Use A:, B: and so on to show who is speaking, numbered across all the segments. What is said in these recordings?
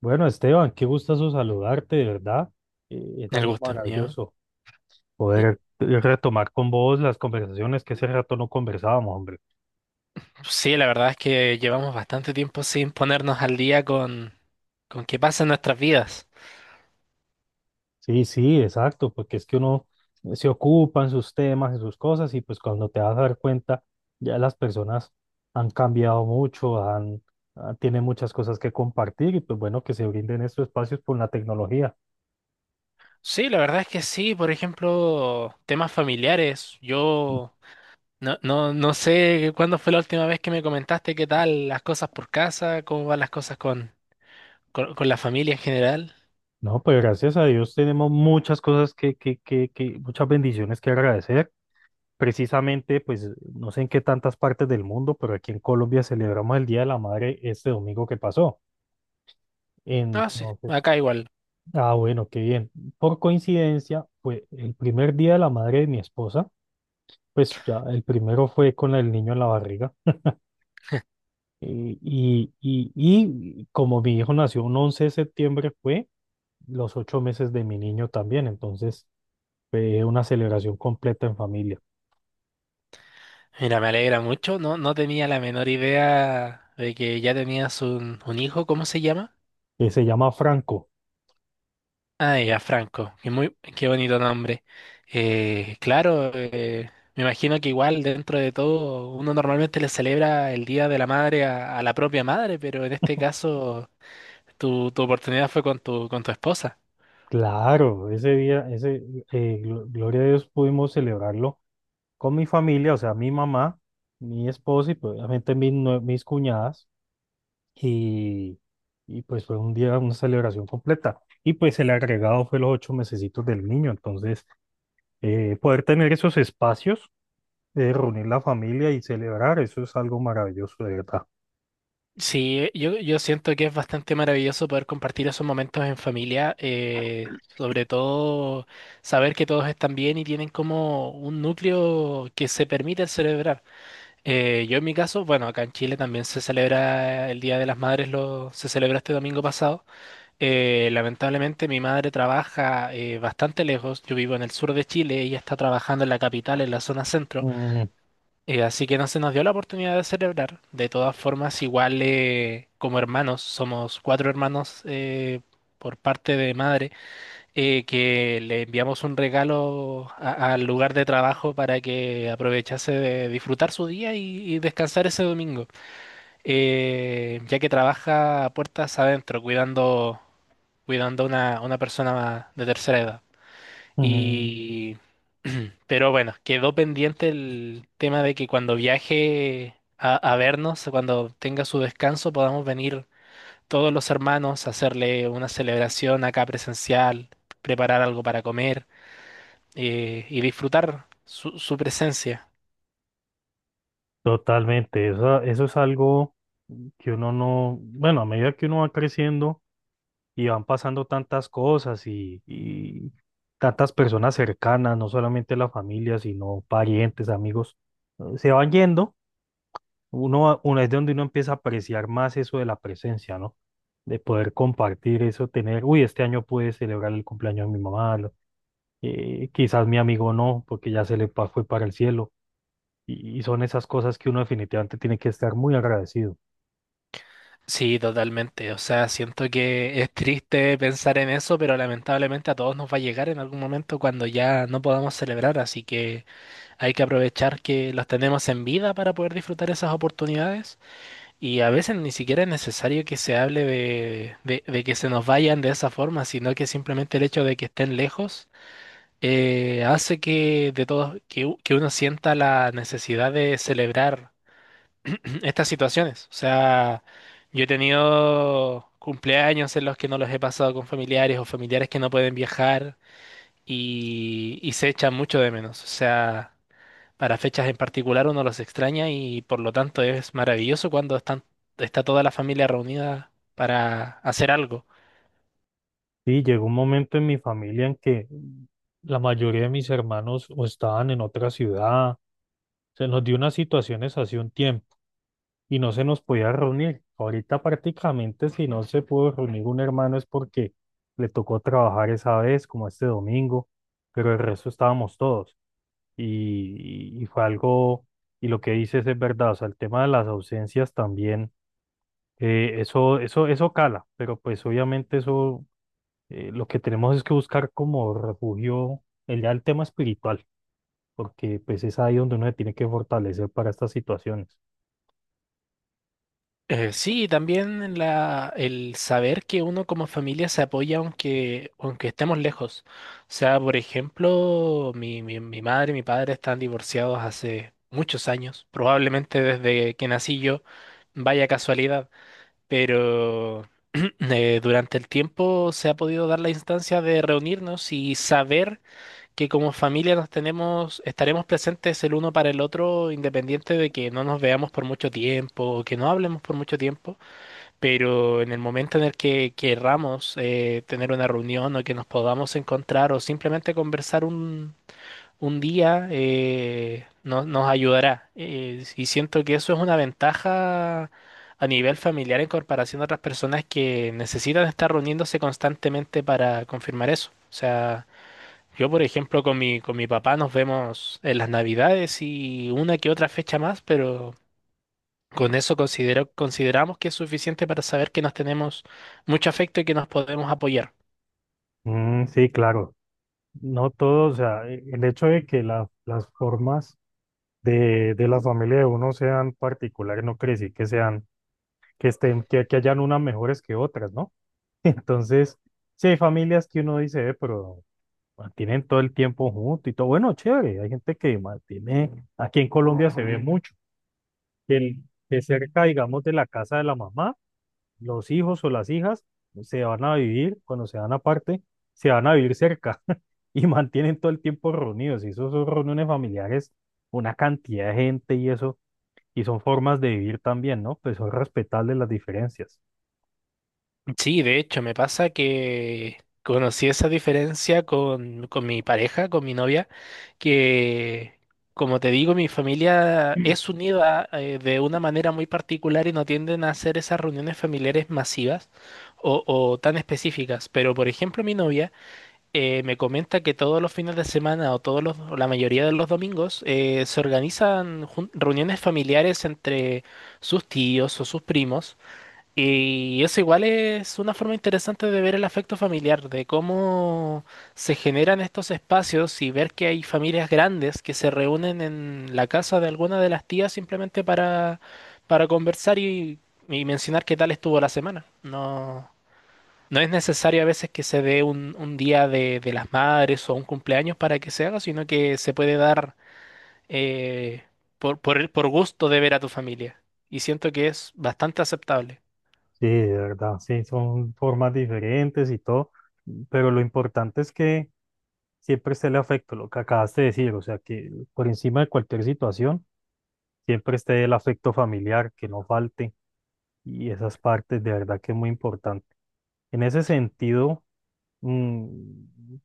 A: Bueno, Esteban, qué gustazo saludarte, de verdad. Es
B: El
A: algo
B: gusto es mío.
A: maravilloso
B: Y-
A: poder retomar con vos las conversaciones que ese rato no conversábamos, hombre.
B: Sí, la verdad es que llevamos bastante tiempo sin ponernos al día con qué pasa en nuestras vidas.
A: Sí, sí, exacto, porque es que uno se ocupa en sus temas, en sus cosas, y pues cuando te vas a dar cuenta, ya las personas han cambiado mucho, tienen muchas cosas que compartir, y pues bueno, que se brinden estos espacios por la tecnología.
B: Sí, la verdad es que sí, por ejemplo, temas familiares.
A: Mm.
B: Yo no sé cuándo fue la última vez que me comentaste qué tal las cosas por casa, cómo van las cosas con la familia en general.
A: No, pues gracias a Dios tenemos muchas cosas que, muchas bendiciones que agradecer. Precisamente, pues no sé en qué tantas partes del mundo, pero aquí en Colombia celebramos el Día de la Madre este domingo que pasó.
B: Ah, sí,
A: Entonces,
B: acá igual.
A: ah, bueno, qué bien. Por coincidencia, fue el primer Día de la Madre de mi esposa, pues ya el primero fue con el niño en la barriga. Y como mi hijo nació un 11 de septiembre, fue los 8 meses de mi niño también. Entonces, fue una celebración completa en familia,
B: Mira, me alegra mucho. No, no tenía la menor idea de que ya tenías un hijo. ¿Cómo se llama?
A: que se llama Franco.
B: Ah, ya, Franco, qué bonito nombre. Claro, me imagino que igual dentro de todo uno normalmente le celebra el Día de la Madre a la propia madre, pero en este caso tu oportunidad fue con con tu esposa.
A: Claro, ese día, gloria a Dios, pudimos celebrarlo con mi familia, o sea, mi mamá, mi esposa y pues, obviamente mis cuñadas. Y, y pues fue un día, una celebración completa. Y pues el agregado fue los 8 mesecitos del niño. Entonces, poder tener esos espacios de reunir la familia y celebrar, eso es algo maravilloso, de verdad.
B: Sí, yo siento que es bastante maravilloso poder compartir esos momentos en familia, sobre todo saber que todos están bien y tienen como un núcleo que se permite celebrar. Yo en mi caso, bueno, acá en Chile también se celebra el Día de las Madres, se celebró este domingo pasado. Lamentablemente mi madre trabaja bastante lejos, yo vivo en el sur de Chile, ella está trabajando en la capital, en la zona centro,
A: Mm,
B: así que no se nos dio la oportunidad de celebrar. De todas formas, igual como hermanos, somos cuatro hermanos por parte de madre que le enviamos un regalo al lugar de trabajo para que aprovechase de disfrutar su día y descansar ese domingo. Ya que trabaja a puertas adentro cuidando, cuidando a una persona de tercera edad.
A: mm,
B: Y, pero bueno, quedó pendiente el tema de que cuando viaje a vernos, cuando tenga su descanso, podamos venir todos los hermanos, hacerle una celebración acá presencial, preparar algo para comer y disfrutar su presencia.
A: totalmente, eso es algo que uno no, bueno, a medida que uno va creciendo y van pasando tantas cosas y tantas personas cercanas, no solamente la familia, sino parientes, amigos, se van yendo. Uno es de donde uno empieza a apreciar más eso de la presencia, ¿no? De poder compartir eso, tener, uy, este año pude celebrar el cumpleaños de mi mamá, quizás mi amigo no, porque ya fue para el cielo. Y son esas cosas que uno definitivamente tiene que estar muy agradecido.
B: Sí, totalmente. O sea, siento que es triste pensar en eso, pero lamentablemente a todos nos va a llegar en algún momento cuando ya no podamos celebrar, así que hay que aprovechar que los tenemos en vida para poder disfrutar esas oportunidades. Y a veces ni siquiera es necesario que se hable de que se nos vayan de esa forma, sino que simplemente el hecho de que estén lejos hace que de todos que, que uno sienta la necesidad de celebrar estas situaciones. O sea, yo he tenido cumpleaños en los que no los he pasado con familiares o familiares que no pueden viajar y se echan mucho de menos. O sea, para fechas en particular uno los extraña y por lo tanto es maravilloso cuando están, está toda la familia reunida para hacer algo.
A: Sí, llegó un momento en mi familia en que la mayoría de mis hermanos o estaban en otra ciudad, se nos dio unas situaciones hace un tiempo y no se nos podía reunir. Ahorita prácticamente si no se pudo reunir un hermano es porque le tocó trabajar esa vez, como este domingo, pero el resto estábamos todos y fue algo, y lo que dices es verdad, o sea, el tema de las ausencias también, eso cala, pero pues obviamente eso lo que tenemos es que buscar como refugio el, ya el tema espiritual, porque pues es ahí donde uno se tiene que fortalecer para estas situaciones.
B: Sí, también el saber que uno como familia se apoya aunque estemos lejos. O sea, por ejemplo, mi madre y mi padre están divorciados hace muchos años, probablemente desde que nací yo, vaya casualidad, pero durante el tiempo se ha podido dar la instancia de reunirnos y saber que como familia nos tenemos, estaremos presentes el uno para el otro, independiente de que no nos veamos por mucho tiempo o que no hablemos por mucho tiempo, pero en el momento en el que querramos tener una reunión o que nos podamos encontrar o simplemente conversar un día, nos ayudará. Y siento que eso es una ventaja a nivel familiar en comparación a otras personas que necesitan estar reuniéndose constantemente para confirmar eso. O sea, yo, por ejemplo, con mi papá nos vemos en las Navidades y una que otra fecha más, pero... Con eso consideramos que es suficiente para saber que nos tenemos mucho afecto y que nos podemos apoyar.
A: Mm, sí, claro. No todo, o sea, el hecho de que las formas de la familia de uno sean particulares no quiere decir que sean, que estén, que hayan unas mejores que otras, ¿no? Entonces, sí hay familias que uno dice, pero mantienen todo el tiempo juntos y todo". Bueno, chévere, hay gente que mantiene, aquí en Colombia se ve mucho que, el- que cerca, digamos, de la casa de la mamá, los hijos o las hijas se van a vivir, cuando se van aparte, se van a vivir cerca y mantienen todo el tiempo reunidos. Y eso son reuniones familiares, una cantidad de gente y eso, y son formas de vivir también, ¿no? Pues son respetables las diferencias.
B: Sí, de hecho, me pasa que conocí esa diferencia con mi pareja, con mi novia, que, como te digo, mi familia es unida de una manera muy particular y no tienden a hacer esas reuniones familiares masivas o tan específicas. Pero, por ejemplo, mi novia... me comenta que todos los fines de semana o la mayoría de los domingos se organizan reuniones familiares entre sus tíos o sus primos y eso igual es una forma interesante de ver el afecto familiar, de cómo se generan estos espacios y ver que hay familias grandes que se reúnen en la casa de alguna de las tías simplemente para conversar y mencionar qué tal estuvo la semana. No. No es necesario a veces que se dé un día de las madres o un cumpleaños para que se haga, sino que se puede dar eh, por gusto de ver a tu familia. Y siento que es bastante aceptable.
A: Sí, de verdad, sí, son formas diferentes y todo, pero lo importante es que siempre esté el afecto, lo que acabas de decir, o sea, que por encima de cualquier situación siempre esté el afecto familiar, que no falte, y esas partes de verdad que es muy importante. En ese sentido, mm,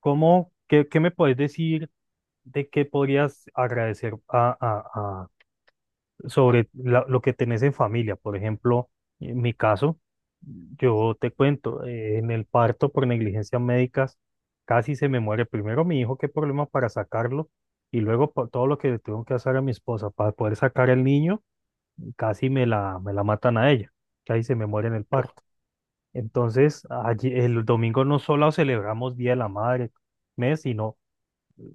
A: ¿cómo, qué me puedes decir de qué podrías agradecer sobre lo que tenés en familia? Por ejemplo, en mi caso, yo te cuento, en el parto por negligencias médicas, casi se me muere primero mi hijo, qué problema para sacarlo, y luego por todo lo que le tuvieron que hacer a mi esposa para poder sacar al niño casi me la matan a ella, que ahí se me muere en el
B: Oh.
A: parto. Entonces, allí, el domingo no solo celebramos Día de la Madre, mes, sino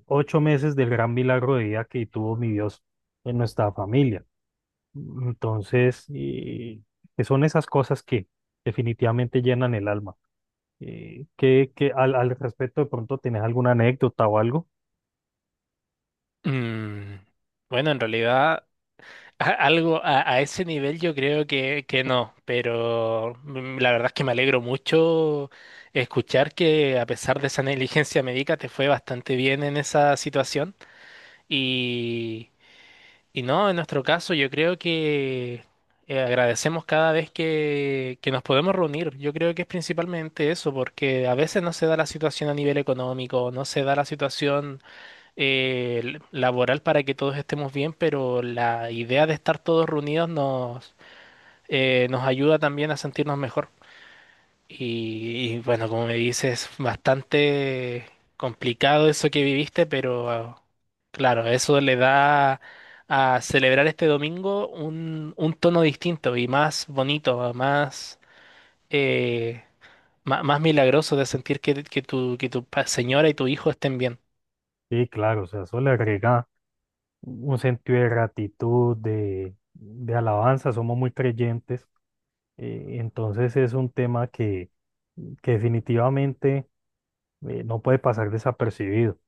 A: 8 meses del gran milagro de vida que tuvo mi Dios en nuestra familia. Entonces, que son esas cosas que definitivamente llenan el alma. Al respecto, de pronto, ¿tenés alguna anécdota o algo?
B: Mm, bueno, en realidad, a ese nivel yo creo que no, pero mm, la verdad es que me alegro mucho escuchar que a pesar de esa negligencia médica te fue bastante bien en esa situación. Y no, en nuestro caso yo creo que agradecemos cada vez que nos podemos reunir. Yo creo que es principalmente eso, porque a veces no se da la situación a nivel económico, no se da la situación laboral para que todos estemos bien, pero la idea de estar todos reunidos nos ayuda también a sentirnos mejor. Y, bueno, como me dices, bastante complicado eso que viviste, pero claro, eso le da a celebrar este domingo un tono distinto y más bonito, eh, más milagroso de sentir que tu señora y tu hijo estén bien.
A: Sí, claro, o sea, eso le agrega un sentido de gratitud, de alabanza, somos muy creyentes. Entonces es un tema que definitivamente no puede pasar desapercibido.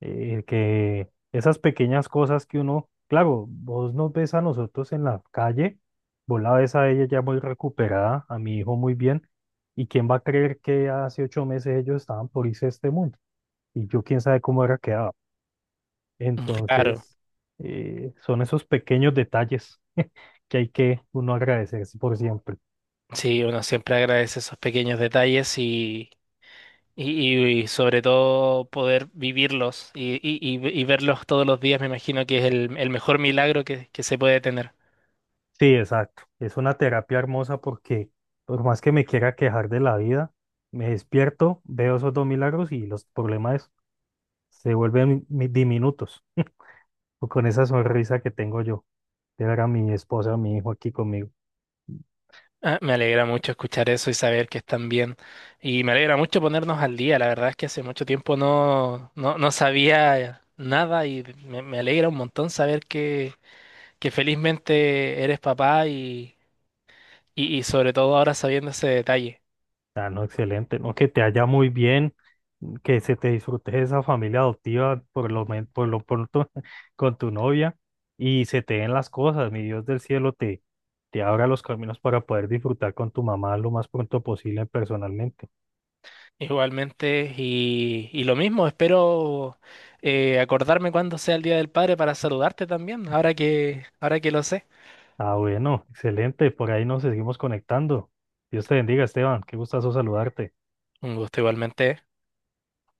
A: Que esas pequeñas cosas que uno, claro, vos nos ves a nosotros en la calle, vos la ves a ella ya muy recuperada, a mi hijo muy bien, y quién va a creer que hace 8 meses ellos estaban por irse a este mundo, y yo quién sabe cómo era quedado.
B: Claro,
A: Entonces, son esos pequeños detalles que hay que uno agradecerse por siempre.
B: sí, uno siempre agradece esos pequeños detalles. Sobre todo poder vivirlos y, y verlos todos los días, me imagino que es el mejor milagro que se puede tener.
A: Sí, exacto. Es una terapia hermosa porque por más que me quiera quejar de la vida, me despierto, veo esos dos milagros y los problemas se vuelven diminutos. O con esa sonrisa que tengo yo, que era mi esposa, mi hijo aquí conmigo.
B: Ah, me alegra mucho escuchar eso y saber que están bien. Y me alegra mucho ponernos al día. La verdad es que hace mucho tiempo no sabía nada y me alegra un montón saber que felizmente eres papá y sobre todo ahora sabiendo ese detalle.
A: Ah, no, excelente, ¿no? Que te haya muy bien, que se te disfrute esa familia adoptiva por por lo pronto con tu novia y se te den las cosas, mi Dios del cielo te, te abra los caminos para poder disfrutar con tu mamá lo más pronto posible personalmente.
B: Igualmente, y lo mismo, espero acordarme cuando sea el Día del Padre para saludarte también, ahora que lo sé.
A: Ah, bueno, excelente, por ahí nos seguimos conectando. Dios te bendiga, Esteban, qué gustazo saludarte.
B: Un gusto igualmente.